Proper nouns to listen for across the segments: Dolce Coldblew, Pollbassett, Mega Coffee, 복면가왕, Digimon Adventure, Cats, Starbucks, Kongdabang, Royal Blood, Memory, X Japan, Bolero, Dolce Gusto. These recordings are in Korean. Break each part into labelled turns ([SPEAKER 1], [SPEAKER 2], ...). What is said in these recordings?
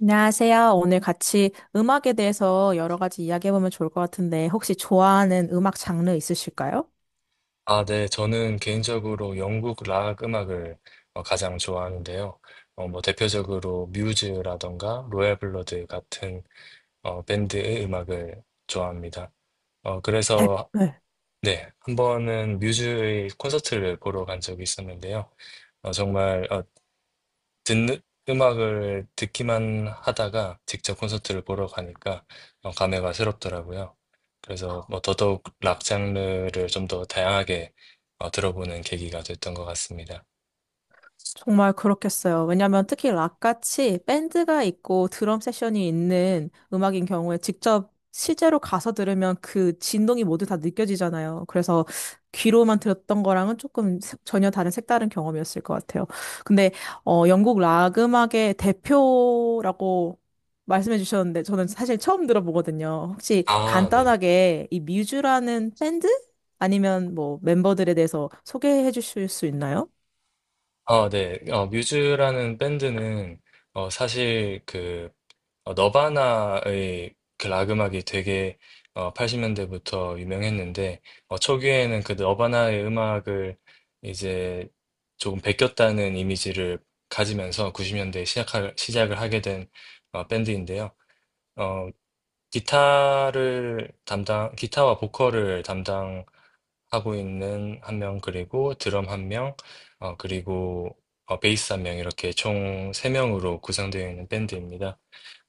[SPEAKER 1] 안녕하세요. 오늘 같이 음악에 대해서 여러 가지 이야기해보면 좋을 것 같은데, 혹시 좋아하는 음악 장르 있으실까요?
[SPEAKER 2] 아, 네. 저는 개인적으로 영국 락 음악을 가장 좋아하는데요. 뭐 대표적으로 뮤즈라던가 로얄 블러드 같은 밴드의 음악을 좋아합니다. 그래서
[SPEAKER 1] 네.
[SPEAKER 2] 네, 한 번은 뮤즈의 콘서트를 보러 간 적이 있었는데요. 정말 듣는 음악을 듣기만 하다가 직접 콘서트를 보러 가니까 감회가 새롭더라고요. 그래서 뭐 더더욱 락 장르를 좀 더 다양하게 들어보는 계기가 됐던 것 같습니다.
[SPEAKER 1] 정말 그렇겠어요. 왜냐면 특히 락같이 밴드가 있고 드럼 세션이 있는 음악인 경우에 직접 실제로 가서 들으면 그 진동이 모두 다 느껴지잖아요. 그래서 귀로만 들었던 거랑은 조금 전혀 다른 색다른 경험이었을 것 같아요. 근데 영국 락 음악의 대표라고 말씀해 주셨는데 저는 사실 처음 들어보거든요. 혹시
[SPEAKER 2] 아, 네.
[SPEAKER 1] 간단하게 이 뮤즈라는 밴드 아니면 뭐 멤버들에 대해서 소개해 주실 수 있나요?
[SPEAKER 2] 네. 뮤즈라는 밴드는 사실 그 너바나의 그 락 음악이 되게 80년대부터 유명했는데 초기에는 그 너바나의 음악을 이제 조금 베꼈다는 이미지를 가지면서 90년대에 시작을 하게 된 밴드인데요. 어, 기타와 보컬을 하고 있는 한 명 그리고 드럼 한 명 그리고 베이스 한 명 이렇게 총 3 명으로 구성되어 있는 밴드입니다.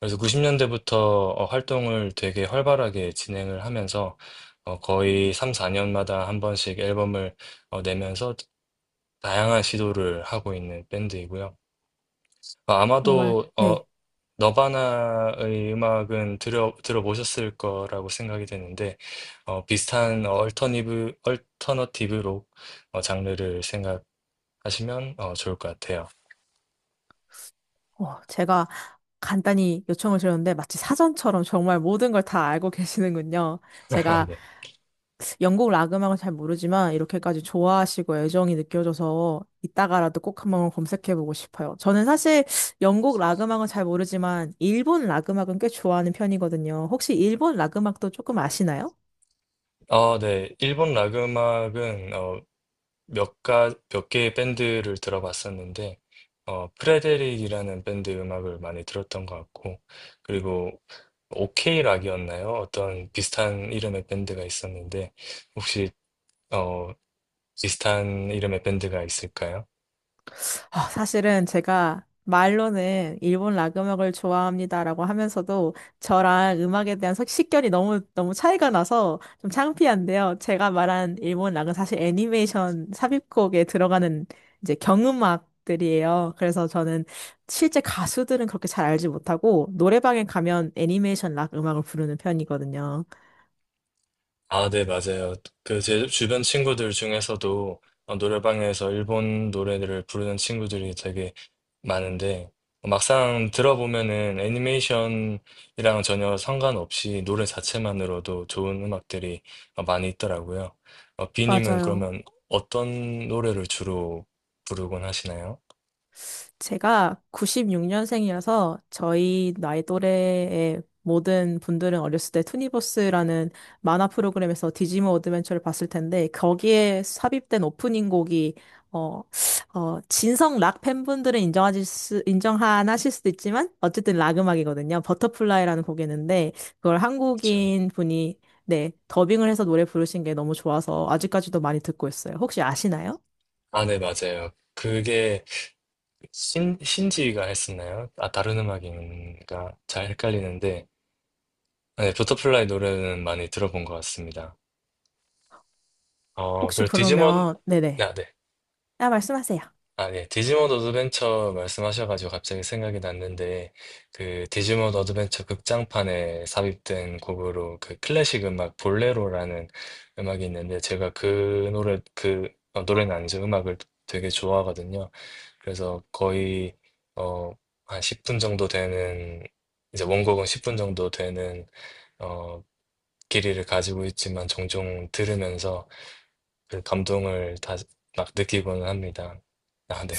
[SPEAKER 2] 그래서 90 년대부터 활동을 되게 활발하게 진행을 하면서 거의 3-4 년마다 한 번씩 앨범을 내면서 다양한 시도를 하고 있는 밴드이고요.
[SPEAKER 1] 정말.
[SPEAKER 2] 아마도
[SPEAKER 1] 네.
[SPEAKER 2] 너바나의 음악은 들어보셨을 거라고 생각이 되는데, 비슷한 얼터너티브 록 장르를 생각하시면 좋을 것 같아요.
[SPEAKER 1] 제가 간단히 요청을 드렸는데 마치 사전처럼 정말 모든 걸 다 알고 계시는군요. 제가
[SPEAKER 2] 네.
[SPEAKER 1] 영국 락 음악을 잘 모르지만 이렇게까지 좋아하시고 애정이 느껴져서 이따가라도 꼭 한번 검색해보고 싶어요. 저는 사실 영국 락 음악은 잘 모르지만 일본 락 음악은 꽤 좋아하는 편이거든요. 혹시 일본 락 음악도 조금 아시나요?
[SPEAKER 2] 네. 일본 락 음악은 몇 개의 밴드를 들어봤었는데, 프레데릭이라는 밴드 음악을 많이 들었던 것 같고, 그리고 오케이 락이었나요? 어떤 비슷한 이름의 밴드가 있었는데, 혹시, 어, 비슷한 이름의 밴드가 있을까요?
[SPEAKER 1] 아, 사실은 제가 말로는 일본 락 음악을 좋아합니다라고 하면서도 저랑 음악에 대한 식견이 너무 너무 차이가 나서 좀 창피한데요. 제가 말한 일본 락은 사실 애니메이션 삽입곡에 들어가는 이제 경음악들이에요. 그래서 저는 실제 가수들은 그렇게 잘 알지 못하고 노래방에 가면 애니메이션 락 음악을 부르는 편이거든요.
[SPEAKER 2] 아, 네, 맞아요. 그 제 주변 친구들 중에서도 노래방에서 일본 노래들을 부르는 친구들이 되게 많은데 막상 들어보면은 애니메이션이랑 전혀 상관없이 노래 자체만으로도 좋은 음악들이 많이 있더라고요. 비님은
[SPEAKER 1] 맞아요.
[SPEAKER 2] 그러면 어떤 노래를 주로 부르곤 하시나요?
[SPEAKER 1] 제가 96년생이라서 저희 나이 또래의 모든 분들은 어렸을 때 투니버스라는 만화 프로그램에서 디지몬 어드벤처를 봤을 텐데 거기에 삽입된 오프닝 곡이 어, 진성 락 팬분들은 인정하실 수도 있지만 어쨌든 락 음악이거든요. 버터플라이라는 곡이었는데 그걸
[SPEAKER 2] 그렇죠.
[SPEAKER 1] 한국인 분이 네, 더빙을 해서 노래 부르신 게 너무 좋아서 아직까지도 많이 듣고 있어요. 혹시 아시나요?
[SPEAKER 2] 아, 네, 맞아요. 그게 신지가 했었나요? 아, 다른 음악인가? 잘 헷갈리는데, 아, 네, 버터플라이 노래는 많이 들어본 것 같습니다.
[SPEAKER 1] 혹시
[SPEAKER 2] 그리고 디지몬,
[SPEAKER 1] 그러면 네네.
[SPEAKER 2] 아, 네.
[SPEAKER 1] 아, 말씀하세요.
[SPEAKER 2] 아, 네. 디지몬 어드벤처 말씀하셔가지고 갑자기 생각이 났는데, 그 디지몬 어드벤처 극장판에 삽입된 곡으로 그 클래식 음악 볼레로라는 음악이 있는데, 제가 그 노래, 그, 노래는 아니죠. 음악을 되게 좋아하거든요. 그래서 거의 어, 한 10분 정도 되는 이제 원곡은 10분 정도 되는 어, 길이를 가지고 있지만 종종 들으면서 그 감동을 다 막 느끼고는 합니다. 아, 네.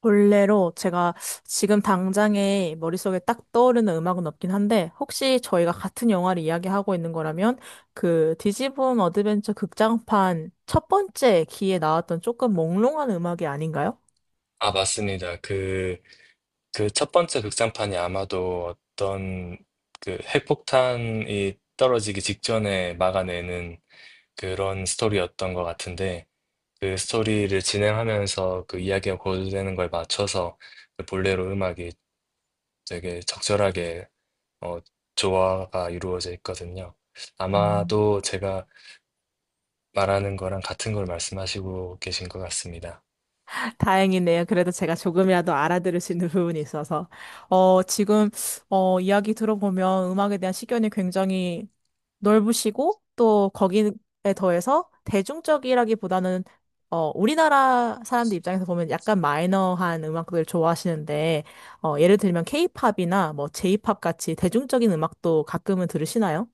[SPEAKER 1] 본래로 제가 지금 당장에 머릿속에 딱 떠오르는 음악은 없긴 한데, 혹시 저희가 같은 영화를 이야기하고 있는 거라면, 그 디지붐 어드벤처 극장판 첫 번째 기에 나왔던 조금 몽롱한 음악이 아닌가요?
[SPEAKER 2] 아, 맞습니다. 그 첫 번째 극장판이 아마도 어떤 그 핵폭탄이 떨어지기 직전에 막아내는 그런 스토리였던 것 같은데 그 스토리를 진행하면서 그 이야기가 고조되는 걸 맞춰서 그 볼레로 음악이 되게 적절하게 어, 조화가 이루어져 있거든요. 아마도 제가 말하는 거랑 같은 걸 말씀하시고 계신 것 같습니다.
[SPEAKER 1] 다행이네요. 그래도 제가 조금이라도 알아들을 수 있는 부분이 있어서. 어, 지금, 이야기 들어보면 음악에 대한 시견이 굉장히 넓으시고, 또 거기에 더해서 대중적이라기보다는, 우리나라 사람들 입장에서 보면 약간 마이너한 음악들 좋아하시는데, 예를 들면 케이팝이나 뭐 제이팝 같이 대중적인 음악도 가끔은 들으시나요?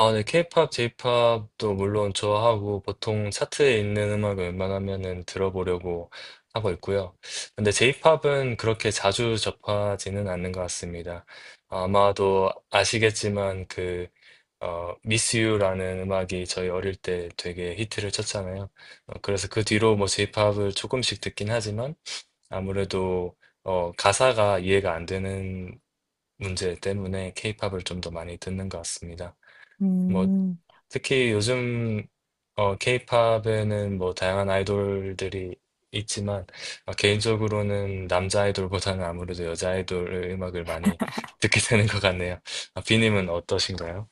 [SPEAKER 2] 아, 네, 케이팝, 제이팝도 물론 좋아하고 보통 차트에 있는 음악을 웬만하면은 들어보려고 하고 있고요. 근데 제이팝은 그렇게 자주 접하지는 않는 것 같습니다. 아마도 아시겠지만 그 Miss You라는 음악이 저희 어릴 때 되게 히트를 쳤잖아요. 그래서 그 뒤로 뭐 제이팝을 조금씩 듣긴 하지만 아무래도 가사가 이해가 안 되는 문제 때문에 케이팝을 좀 더 많이 듣는 것 같습니다. 뭐
[SPEAKER 1] 음,
[SPEAKER 2] 특히 요즘 케이팝에는 뭐 다양한 아이돌들이 있지만 개인적으로는 남자 아이돌보다는 아무래도 여자 아이돌의 음악을 많이 듣게 되는 것 같네요. 아, 비님은 어떠신가요?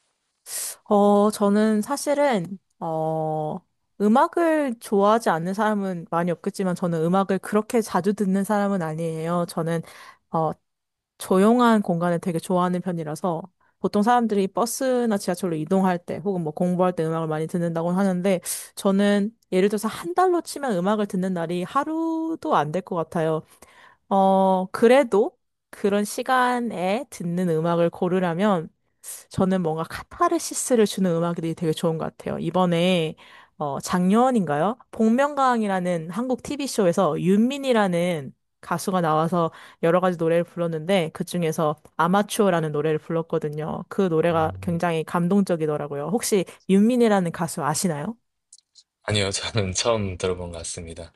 [SPEAKER 1] 저는 사실은, 음악을 좋아하지 않는 사람은 많이 없겠지만, 저는 음악을 그렇게 자주 듣는 사람은 아니에요. 저는, 어, 조용한 공간을 되게 좋아하는 편이라서 보통 사람들이 버스나 지하철로 이동할 때 혹은 뭐 공부할 때 음악을 많이 듣는다고 하는데 저는 예를 들어서 한 달로 치면 음악을 듣는 날이 하루도 안 될 것 같아요. 어, 그래도 그런 시간에 듣는 음악을 고르라면 저는 뭔가 카타르시스를 주는 음악이 되게 좋은 것 같아요. 이번에 어, 작년인가요? 복면가왕이라는 한국 TV쇼에서 윤민이라는 가수가 나와서 여러 가지 노래를 불렀는데 그중에서 아마추어라는 노래를 불렀거든요. 그 노래가
[SPEAKER 2] 음,
[SPEAKER 1] 굉장히 감동적이더라고요. 혹시 윤민이라는 가수 아시나요?
[SPEAKER 2] 아니요, 저는 처음 들어본 것 같습니다.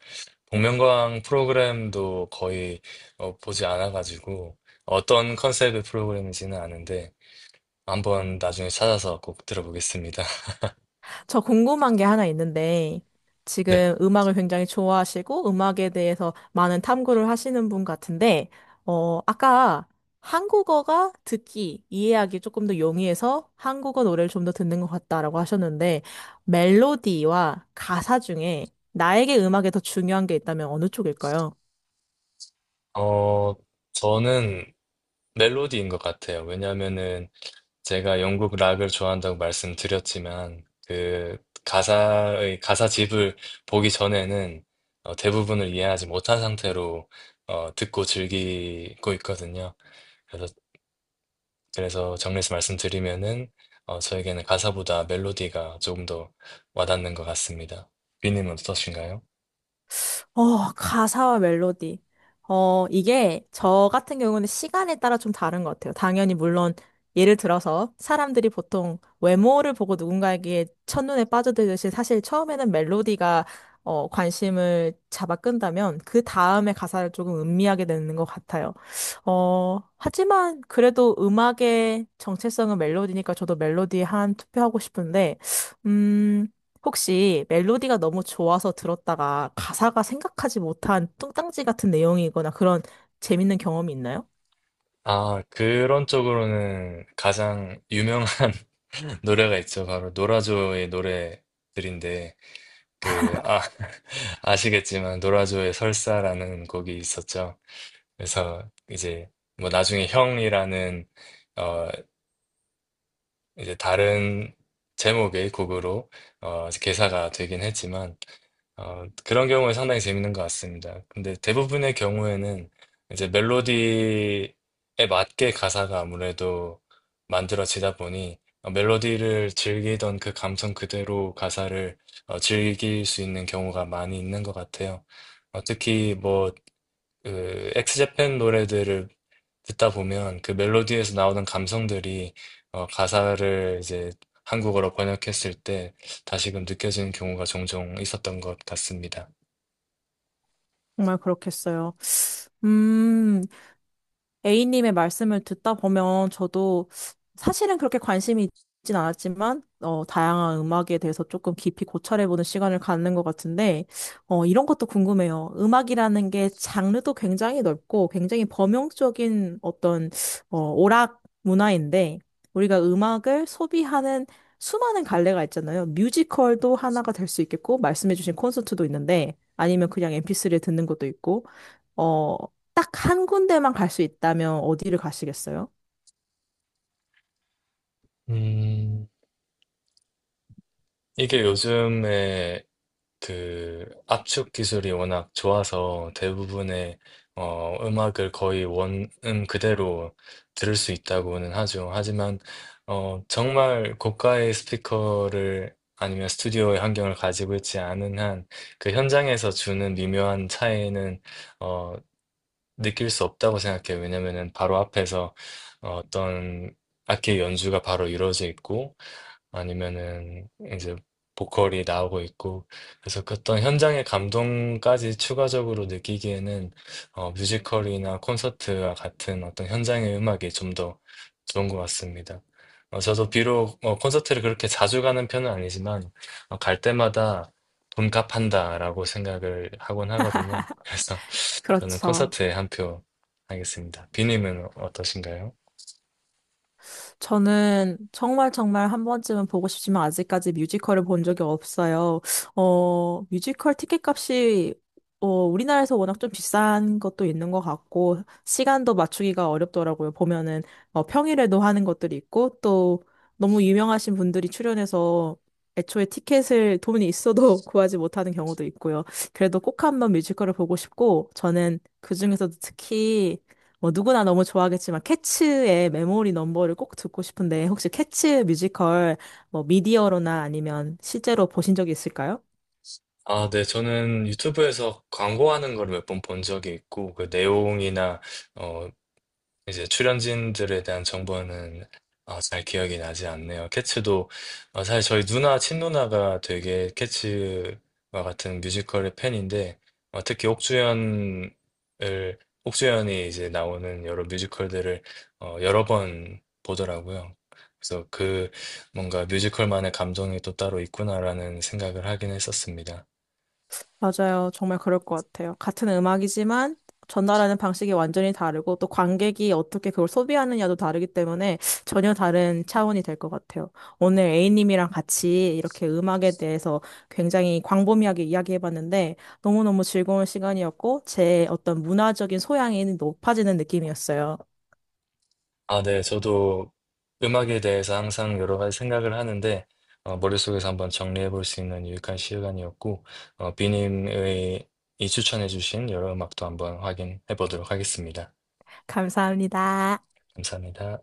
[SPEAKER 2] 복면가왕 프로그램도 거의 보지 않아가지고 어떤 컨셉의 프로그램인지는 아는데 한번 나중에 찾아서 꼭 들어보겠습니다.
[SPEAKER 1] 저 궁금한 게 하나 있는데,
[SPEAKER 2] 네,
[SPEAKER 1] 지금 음악을 굉장히 좋아하시고, 음악에 대해서 많은 탐구를 하시는 분 같은데, 아까 한국어가 이해하기 조금 더 용이해서 한국어 노래를 좀 더 듣는 것 같다라고 하셨는데, 멜로디와 가사 중에 나에게 음악에 더 중요한 게 있다면 어느 쪽일까요?
[SPEAKER 2] 어, 저는 멜로디인 것 같아요. 왜냐하면은 제가 영국 락을 좋아한다고 말씀드렸지만 그 가사의 가사집을 보기 전에는 대부분을 이해하지 못한 상태로 듣고 즐기고 있거든요. 그래서 그래서 정리해서 말씀드리면은 저에게는 가사보다 멜로디가 조금 더 와닿는 것 같습니다. 비님은 어떠신가요?
[SPEAKER 1] 어, 가사와 멜로디. 이게 저 같은 경우는 시간에 따라 좀 다른 것 같아요. 당연히 물론 예를 들어서 사람들이 보통 외모를 보고 누군가에게 첫눈에 빠져들듯이 사실 처음에는 멜로디가 관심을 잡아 끈다면 그 다음에 가사를 조금 음미하게 되는 것 같아요. 하지만 그래도 음악의 정체성은 멜로디니까 저도 멜로디에 한 투표하고 싶은데, 음... 혹시 멜로디가 너무 좋아서 들었다가 가사가 생각하지 못한 뚱딴지 같은 내용이거나 그런 재밌는 경험이 있나요?
[SPEAKER 2] 아, 그런 쪽으로는 가장 유명한 노래가 있죠. 바로 노라조의 노래들인데 그, 아, 아시겠지만, 노라조의 설사라는 곡이 있었죠. 그래서 이제, 뭐 나중에 형이라는, 어, 이제 다른 제목의 곡으로 이제 개사가 되긴 했지만 그런 경우는 상당히 재밌는 것 같습니다. 근데 대부분의 경우에는 이제 멜로디에 맞게 가사가 아무래도 만들어지다 보니 멜로디를 즐기던 그 감성 그대로 가사를 즐길 수 있는 경우가 많이 있는 것 같아요. 특히 뭐 그 엑스제팬 노래들을 듣다 보면 그 멜로디에서 나오는 감성들이 가사를 이제 한국어로 번역했을 때 다시금 느껴지는 경우가 종종 있었던 것 같습니다.
[SPEAKER 1] 정말 그렇겠어요. 음, A님의 말씀을 듣다 보면 저도 사실은 그렇게 관심이 있진 않았지만, 다양한 음악에 대해서 조금 깊이 고찰해보는 시간을 갖는 것 같은데, 이런 것도 궁금해요. 음악이라는 게 장르도 굉장히 넓고 굉장히 범용적인 어떤, 오락 문화인데, 우리가 음악을 소비하는 수많은 갈래가 있잖아요. 뮤지컬도 하나가 될 수 있겠고, 말씀해주신 콘서트도 있는데, 아니면 그냥 MP3를 듣는 것도 있고, 어, 딱 한 군데만 갈 수 있다면 어디를 가시겠어요?
[SPEAKER 2] 음, 이게 요즘에 그 압축 기술이 워낙 좋아서 대부분의 음악을 거의 원음 그대로 들을 수 있다고는 하죠. 하지만 정말 고가의 스피커를 아니면 스튜디오의 환경을 가지고 있지 않은 한 그 현장에서 주는 미묘한 차이는 어, 느낄 수 없다고 생각해요. 왜냐면은 바로 앞에서 어떤 악기 연주가 바로 이루어져 있고 아니면은 이제 보컬이 나오고 있고 그래서 그 어떤 현장의 감동까지 추가적으로 느끼기에는 뮤지컬이나 콘서트와 같은 어떤 현장의 음악이 좀 더 좋은 것 같습니다. 저도 비록 콘서트를 그렇게 자주 가는 편은 아니지만 갈 때마다 돈 값한다라고 생각을 하곤 하거든요. 그래서 저는
[SPEAKER 1] 그렇죠.
[SPEAKER 2] 콘서트에 한 표 하겠습니다. 비님은 어떠신가요?
[SPEAKER 1] 저는 정말 정말 한 번쯤은 보고 싶지만 아직까지 뮤지컬을 본 적이 없어요. 뮤지컬 티켓 값이 우리나라에서 워낙 좀 비싼 것도 있는 것 같고 시간도 맞추기가 어렵더라고요. 보면은 평일에도 하는 것들이 있고 또 너무 유명하신 분들이 출연해서 애초에 티켓을 돈이 있어도 구하지 못하는 경우도 있고요. 그래도 꼭 한번 뮤지컬을 보고 싶고 저는 그중에서도 특히 뭐 누구나 너무 좋아하겠지만 캐츠의 메모리 넘버를 꼭 듣고 싶은데 혹시 캐츠 뮤지컬 뭐 미디어로나 아니면 실제로 보신 적이 있을까요?
[SPEAKER 2] 아, 네. 저는 유튜브에서 광고하는 걸 몇 번 본 적이 있고, 그 내용이나, 어, 이제 출연진들에 대한 정보는 아, 잘 기억이 나지 않네요. 캐츠도, 아, 사실 저희 친누나가 되게 캐츠와 같은 뮤지컬의 팬인데, 특히 옥주연이 이제 나오는 여러 뮤지컬들을 여러 번 보더라고요. 그래서 그 뭔가 뮤지컬만의 감정이 또 따로 있구나라는 생각을 하긴 했었습니다.
[SPEAKER 1] 맞아요. 정말 그럴 것 같아요. 같은 음악이지만 전달하는 방식이 완전히 다르고 또 관객이 어떻게 그걸 소비하느냐도 다르기 때문에 전혀 다른 차원이 될 것 같아요. 오늘 A님이랑 같이 이렇게 음악에 대해서 굉장히 광범위하게 이야기해봤는데 너무너무 즐거운 시간이었고 제 어떤 문화적인 소양이 높아지는 느낌이었어요.
[SPEAKER 2] 아, 네. 저도 음악에 대해서 항상 여러 가지 생각을 하는데, 머릿속에서 한번 정리해 볼 수 있는 유익한 시간이었고, 비님의 이 추천해 주신 여러 음악도 한번 확인해 보도록 하겠습니다.
[SPEAKER 1] 감사합니다.
[SPEAKER 2] 감사합니다.